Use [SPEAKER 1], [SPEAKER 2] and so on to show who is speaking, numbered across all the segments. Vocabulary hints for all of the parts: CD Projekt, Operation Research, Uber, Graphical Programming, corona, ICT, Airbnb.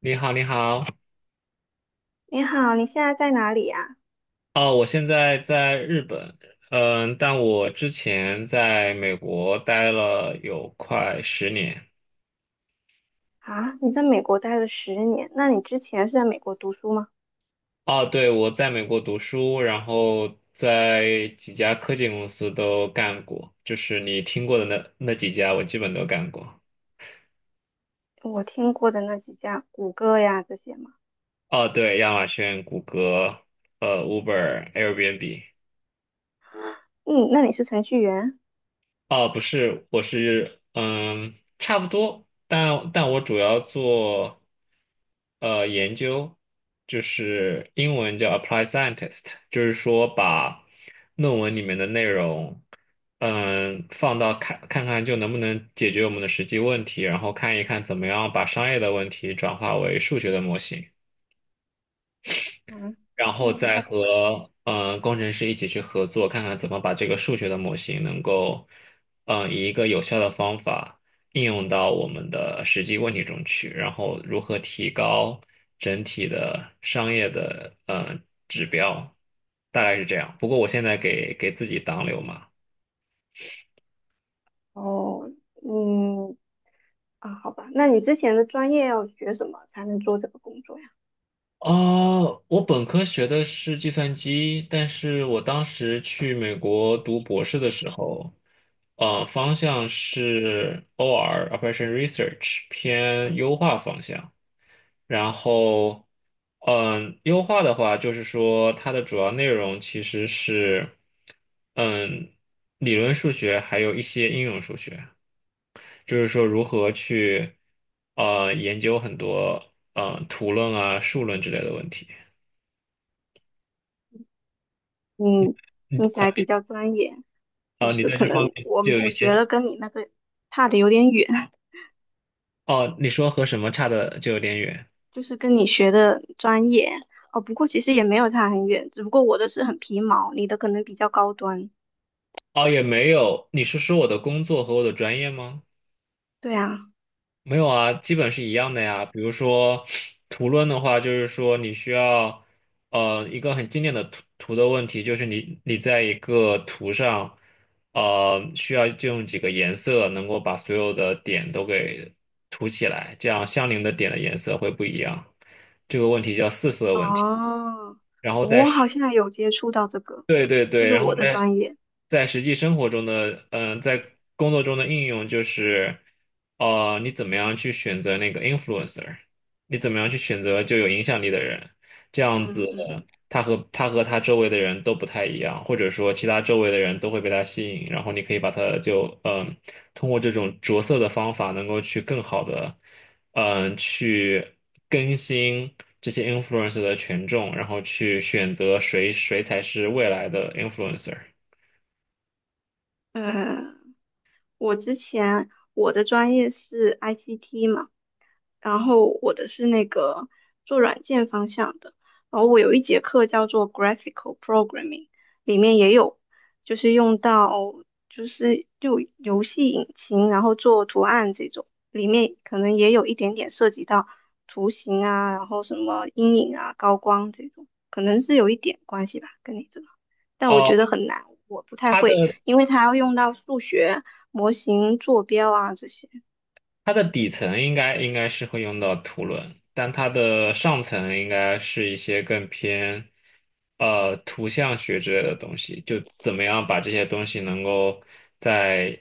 [SPEAKER 1] 你好，你好。
[SPEAKER 2] 你好，你现在在哪里呀？
[SPEAKER 1] 哦，我现在在日本，但我之前在美国待了有快十年。
[SPEAKER 2] 啊，你在美国待了十年，那你之前是在美国读书吗？
[SPEAKER 1] 哦，对，我在美国读书，然后在几家科技公司都干过，就是你听过的那几家，我基本都干过。
[SPEAKER 2] 我听过的那几家，谷歌呀这些嘛。
[SPEAKER 1] 哦，对，亚马逊、谷歌、Uber、Airbnb。
[SPEAKER 2] 嗯，那你是程序员？
[SPEAKER 1] 哦，不是，我是差不多，但我主要做研究，就是英文叫 apply scientist，就是说把论文里面的内容，放到看看就能不能解决我们的实际问题，然后看一看怎么样把商业的问题转化为数学的模型。
[SPEAKER 2] 嗯，
[SPEAKER 1] 然后
[SPEAKER 2] 听不
[SPEAKER 1] 再
[SPEAKER 2] 太懂啊。
[SPEAKER 1] 和工程师一起去合作，看看怎么把这个数学的模型能够，以一个有效的方法应用到我们的实际问题中去，然后如何提高整体的商业的指标，大概是这样。不过我现在给自己挡柳嘛。
[SPEAKER 2] 哦，嗯，啊，好吧，那你之前的专业要学什么才能做这个工作呀？
[SPEAKER 1] 啊，我本科学的是计算机，但是我当时去美国读博士的时候，方向是 OR (Operation Research) 偏优化方向。然后，优化的话，就是说它的主要内容其实是，嗯，理论数学还有一些应用数学，就是说如何去，研究很多图论啊、数论之类的问题。
[SPEAKER 2] 嗯，听起来比较专业，就
[SPEAKER 1] 哦，你
[SPEAKER 2] 是
[SPEAKER 1] 对
[SPEAKER 2] 可
[SPEAKER 1] 这方
[SPEAKER 2] 能
[SPEAKER 1] 面
[SPEAKER 2] 我
[SPEAKER 1] 就有一
[SPEAKER 2] 我
[SPEAKER 1] 些，
[SPEAKER 2] 觉得跟你那个差的有点远。
[SPEAKER 1] 哦，你说和什么差的就有点远，
[SPEAKER 2] 就是跟你学的专业哦。不过其实也没有差很远，只不过我的是很皮毛，你的可能比较高端。
[SPEAKER 1] 哦，也没有，你是说我的工作和我的专业吗？
[SPEAKER 2] 对啊，
[SPEAKER 1] 没有啊，基本是一样的呀。比如说图论的话，就是说你需要，一个很经典的图的问题，就是你在一个图上，需要就用几个颜色能够把所有的点都给涂起来，这样相邻的点的颜色会不一样。这个问题叫四色问题。
[SPEAKER 2] 哦，
[SPEAKER 1] 然后在
[SPEAKER 2] 我好像有接触到这个，
[SPEAKER 1] 对对
[SPEAKER 2] 就
[SPEAKER 1] 对，
[SPEAKER 2] 是
[SPEAKER 1] 然后
[SPEAKER 2] 我的
[SPEAKER 1] 在
[SPEAKER 2] 专业。
[SPEAKER 1] 在实际生活中的，在工作中的应用就是，你怎么样去选择那个 influencer，你怎么样去选择就有影响力的人，这样子
[SPEAKER 2] 嗯嗯，
[SPEAKER 1] 他和他周围的人都不太一样，或者说其他周围的人都会被他吸引，然后你可以把他就，通过这种着色的方法，能够去更好的。去更新这些 influencer 的权重，然后去选择谁才是未来的 influencer。
[SPEAKER 2] 呃，我之前我的专业是 ICT 嘛。然后我的是那个做软件方向的，然后我有一节课叫做 Graphical Programming，里面也有就是用到就游戏引擎，然后做图案这种，里面可能也有一点点涉及到图形啊，然后什么阴影啊、高光这种，可能是有一点关系吧，跟你这个，但我
[SPEAKER 1] 哦，
[SPEAKER 2] 觉得很难，我不太
[SPEAKER 1] 它
[SPEAKER 2] 会，
[SPEAKER 1] 的
[SPEAKER 2] 因为它要用到数学模型、坐标啊这些。
[SPEAKER 1] 它的底层应该是会用到图论，但它的上层应该是一些更偏图像学之类的东西，就怎么样把这些东西能够在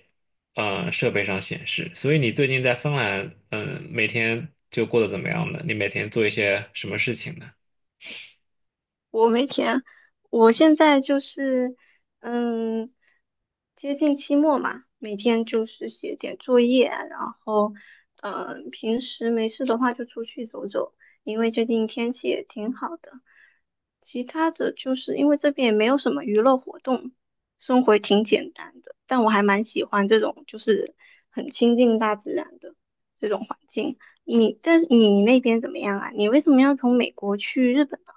[SPEAKER 1] 设备上显示。所以你最近在芬兰，每天就过得怎么样呢？你每天做一些什么事情呢？
[SPEAKER 2] 我没钱，我现在就是嗯，接近期末嘛，每天就是写点作业，然后嗯，平时没事的话就出去走走，因为最近天气也挺好的。其他的就是因为这边也没有什么娱乐活动，生活也挺简单的，但我还蛮喜欢这种就是很亲近大自然的这种环境。你，但你那边怎么样啊？你为什么要从美国去日本呢？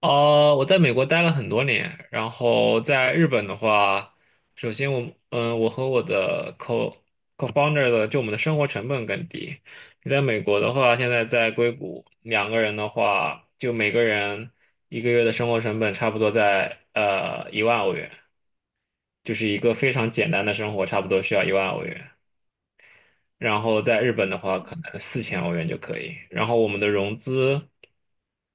[SPEAKER 1] 我在美国待了很多年，然后在日本的话，首先我，我和我的 co-founder 的，就我们的生活成本更低。你在美国的话，现在在硅谷，2个人的话，就每个人一个月的生活成本差不多在一万欧元，就是一个非常简单的生活，差不多需要一万欧元。然后在日本的话，可能4000欧元就可以。然后我们的融资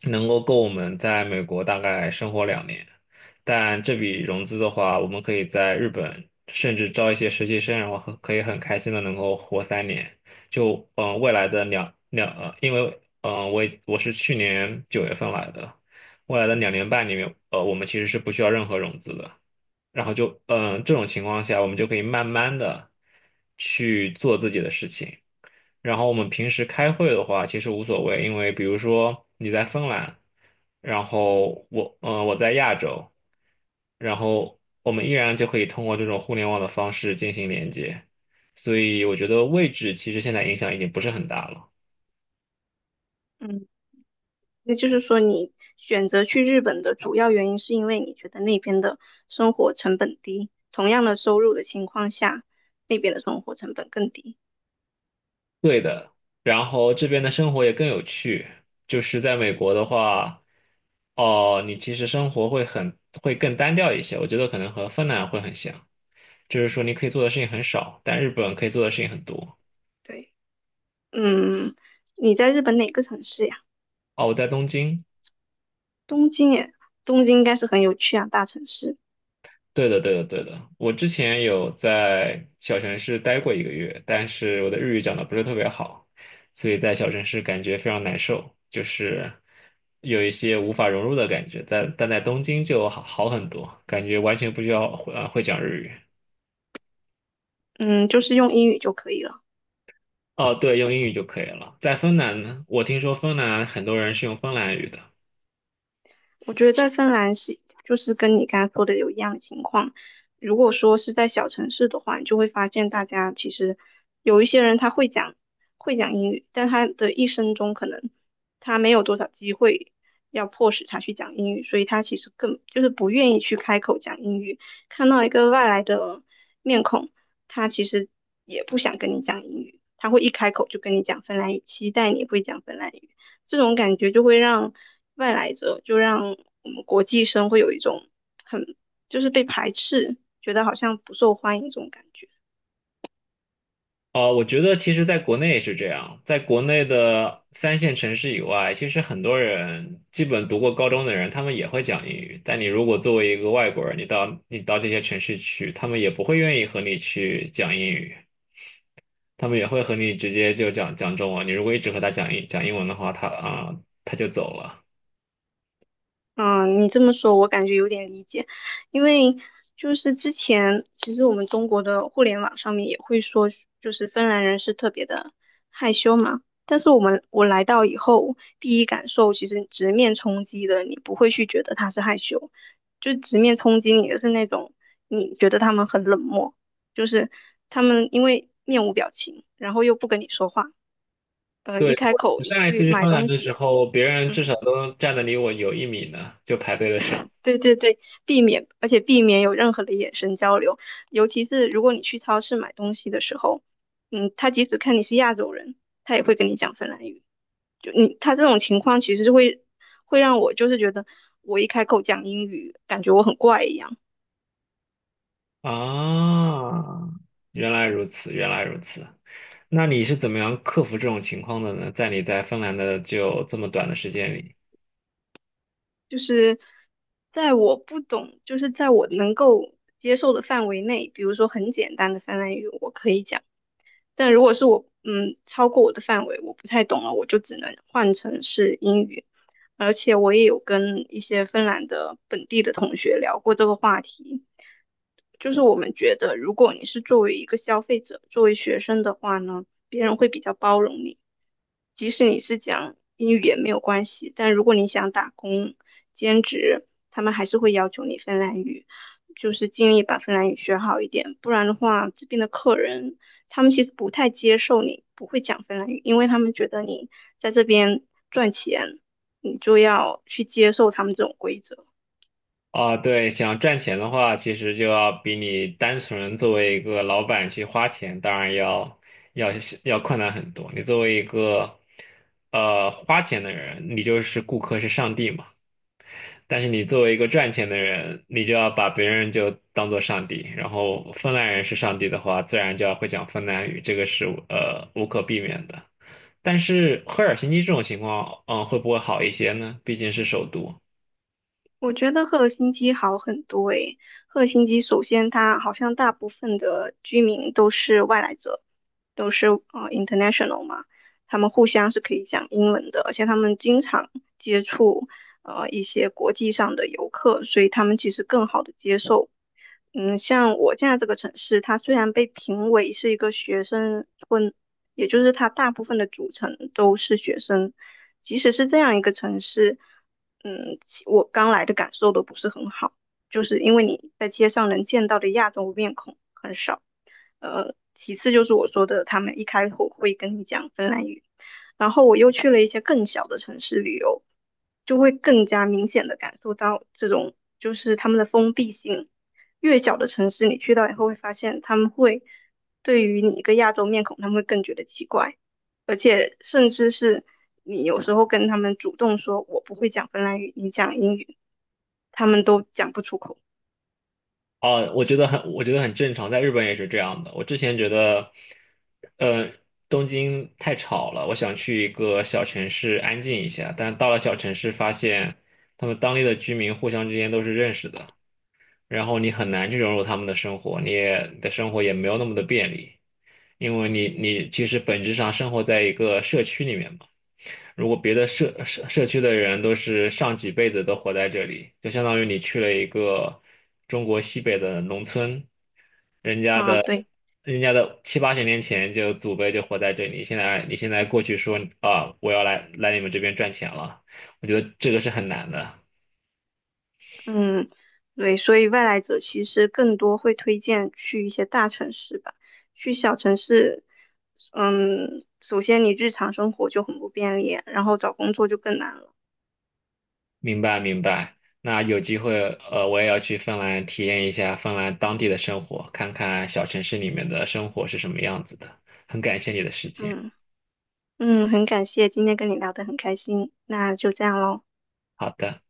[SPEAKER 1] 能够我们在美国大概生活两年，但这笔融资的话，我们可以在日本甚至招一些实习生，然后很可以很开心的能够活3年。就嗯、呃未来的两两呃，因为我是去年9月份来的，未来的2年半里面，我们其实是不需要任何融资的。然后就这种情况下，我们就可以慢慢的去做自己的事情。然后我们平时开会的话，其实无所谓，因为比如说你在芬兰，然后我在亚洲，然后我们依然就可以通过这种互联网的方式进行连接。所以我觉得位置其实现在影响已经不是很大了。
[SPEAKER 2] 嗯。那就是说，你选择去日本的主要原因是因为你觉得那边的生活成本低，同样的收入的情况下，那边的生活成本更低。
[SPEAKER 1] 对的，然后这边的生活也更有趣。就是在美国的话，哦，你其实生活会会更单调一些，我觉得可能和芬兰会很像，就是说你可以做的事情很少，但日本可以做的事情很多。
[SPEAKER 2] 对，嗯，你在日本哪个城市呀？
[SPEAKER 1] 哦，我在东京，
[SPEAKER 2] 东京耶，东京应该是很有趣啊，大城市。
[SPEAKER 1] 对的，对的，对的。我之前有在小城市待过一个月，但是我的日语讲的不是特别好，所以在小城市感觉非常难受，就是有一些无法融入的感觉。但在东京就好很多，感觉完全不需要会讲日语。
[SPEAKER 2] 嗯，就是用英语就可以了。
[SPEAKER 1] 哦，对，用英语就可以了。在芬兰呢，我听说芬兰很多人是用芬兰语的，
[SPEAKER 2] 我觉得在芬兰是就是跟你刚才说的有一样的情况。如果说是在小城市的话，你就会发现大家其实有一些人他会讲英语，但他的一生中可能他没有多少机会要迫使他去讲英语，所以他其实更就是不愿意去开口讲英语。看到一个外来的面孔，他其实也不想跟你讲英语，他会一开口就跟你讲芬兰语，期待你会讲芬兰语。这种感觉就会让外来者，就让我们国际生会有一种很就是被排斥，觉得好像不受欢迎这种感觉。
[SPEAKER 1] 啊、我觉得其实在国内也是这样，在国内的三线城市以外，其实很多人基本读过高中的人，他们也会讲英语。但你如果作为一个外国人，你到这些城市去，他们也不会愿意和你去讲英语，他们也会和你直接就讲中文。你如果一直和他讲英文的话，他就走了。
[SPEAKER 2] 嗯，你这么说，我感觉有点理解，因为就是之前其实我们中国的互联网上面也会说，就是芬兰人是特别的害羞嘛。但是我来到以后，第一感受其实直面冲击的，你不会去觉得他是害羞，就直面冲击你的是那种你觉得他们很冷漠，就是他们因为面无表情，然后又不跟你说话，一
[SPEAKER 1] 对，
[SPEAKER 2] 开
[SPEAKER 1] 我
[SPEAKER 2] 口
[SPEAKER 1] 我
[SPEAKER 2] 你
[SPEAKER 1] 上一次
[SPEAKER 2] 去
[SPEAKER 1] 去
[SPEAKER 2] 买
[SPEAKER 1] 芬兰
[SPEAKER 2] 东
[SPEAKER 1] 的时
[SPEAKER 2] 西，
[SPEAKER 1] 候，别人至少
[SPEAKER 2] 嗯。
[SPEAKER 1] 都站得离我有1米呢，就排队的时候。
[SPEAKER 2] 对对对，避免，而且避免有任何的眼神交流，尤其是如果你去超市买东西的时候，嗯，他即使看你是亚洲人，他也会跟你讲芬兰语。就你，他这种情况其实是会让我就是觉得我一开口讲英语，感觉我很怪一样。
[SPEAKER 1] 啊，原来如此，原来如此。那你是怎么样克服这种情况的呢？在你在芬兰的就这么短的时间里
[SPEAKER 2] 就是在我不懂，就是在我能够接受的范围内，比如说很简单的芬兰语我可以讲，但如果是我，嗯，超过我的范围，我不太懂了，我就只能换成是英语。而且我也有跟一些芬兰的本地的同学聊过这个话题，就是我们觉得，如果你是作为一个消费者，作为学生的话呢，别人会比较包容你，即使你是讲英语也没有关系，但如果你想打工、兼职，他们还是会要求你芬兰语，就是尽力把芬兰语学好一点，不然的话，这边的客人他们其实不太接受你不会讲芬兰语，因为他们觉得你在这边赚钱，你就要去接受他们这种规则。
[SPEAKER 1] 啊，对，想赚钱的话，其实就要比你单纯作为一个老板去花钱，当然要要困难很多。你作为一个花钱的人，你就是顾客是上帝嘛。但是你作为一个赚钱的人，你就要把别人就当做上帝，然后芬兰人是上帝的话，自然就要会讲芬兰语，这个是无可避免的。但是赫尔辛基这种情况，会不会好一些呢？毕竟是首都。
[SPEAKER 2] 我觉得赫尔辛基好很多诶。赫尔辛基首先，它好像大部分的居民都是外来者，都是international 嘛，他们互相是可以讲英文的，而且他们经常接触一些国际上的游客，所以他们其实更好的接受。嗯，像我现在这个城市，它虽然被评为是一个学生村，也就是它大部分的组成都是学生。即使是这样一个城市，嗯，我刚来的感受都不是很好，就是因为你在街上能见到的亚洲面孔很少。呃，其次就是我说的，他们一开口会跟你讲芬兰语，然后我又去了一些更小的城市旅游，就会更加明显的感受到这种就是他们的封闭性。越小的城市，你去到以后会发现他们会对于你一个亚洲面孔，他们会更觉得奇怪，而且甚至是你有时候跟他们主动说我不会讲芬兰语，你讲英语，他们都讲不出口
[SPEAKER 1] 哦，我觉得很正常，在日本也是这样的。我之前觉得，呃，东京太吵了，我想去一个小城市安静一下，但到了小城市发现，他们当地的居民互相之间都是认识的。然后你很难去融入他们的生活，你也的生活也没有那么的便利，因为你其实本质上生活在一个社区里面嘛。如果别的社区的人都是上几辈子都活在这里，就相当于你去了一个中国西北的农村，人家
[SPEAKER 2] 啊。
[SPEAKER 1] 的
[SPEAKER 2] 对，
[SPEAKER 1] 人家的七八十年前就祖辈就活在这里，现在你现在过去说啊，我要来你们这边赚钱了，我觉得这个是很难的。
[SPEAKER 2] 嗯，对，所以外来者其实更多会推荐去一些大城市吧，去小城市，嗯，首先你日常生活就很不便利，然后找工作就更难了。
[SPEAKER 1] 明白明白。那有机会，我也要去芬兰体验一下芬兰当地的生活，看看小城市里面的生活是什么样子的。很感谢你的时间。
[SPEAKER 2] 嗯嗯，很感谢今天跟你聊得很开心，那就这样喽。
[SPEAKER 1] 好的。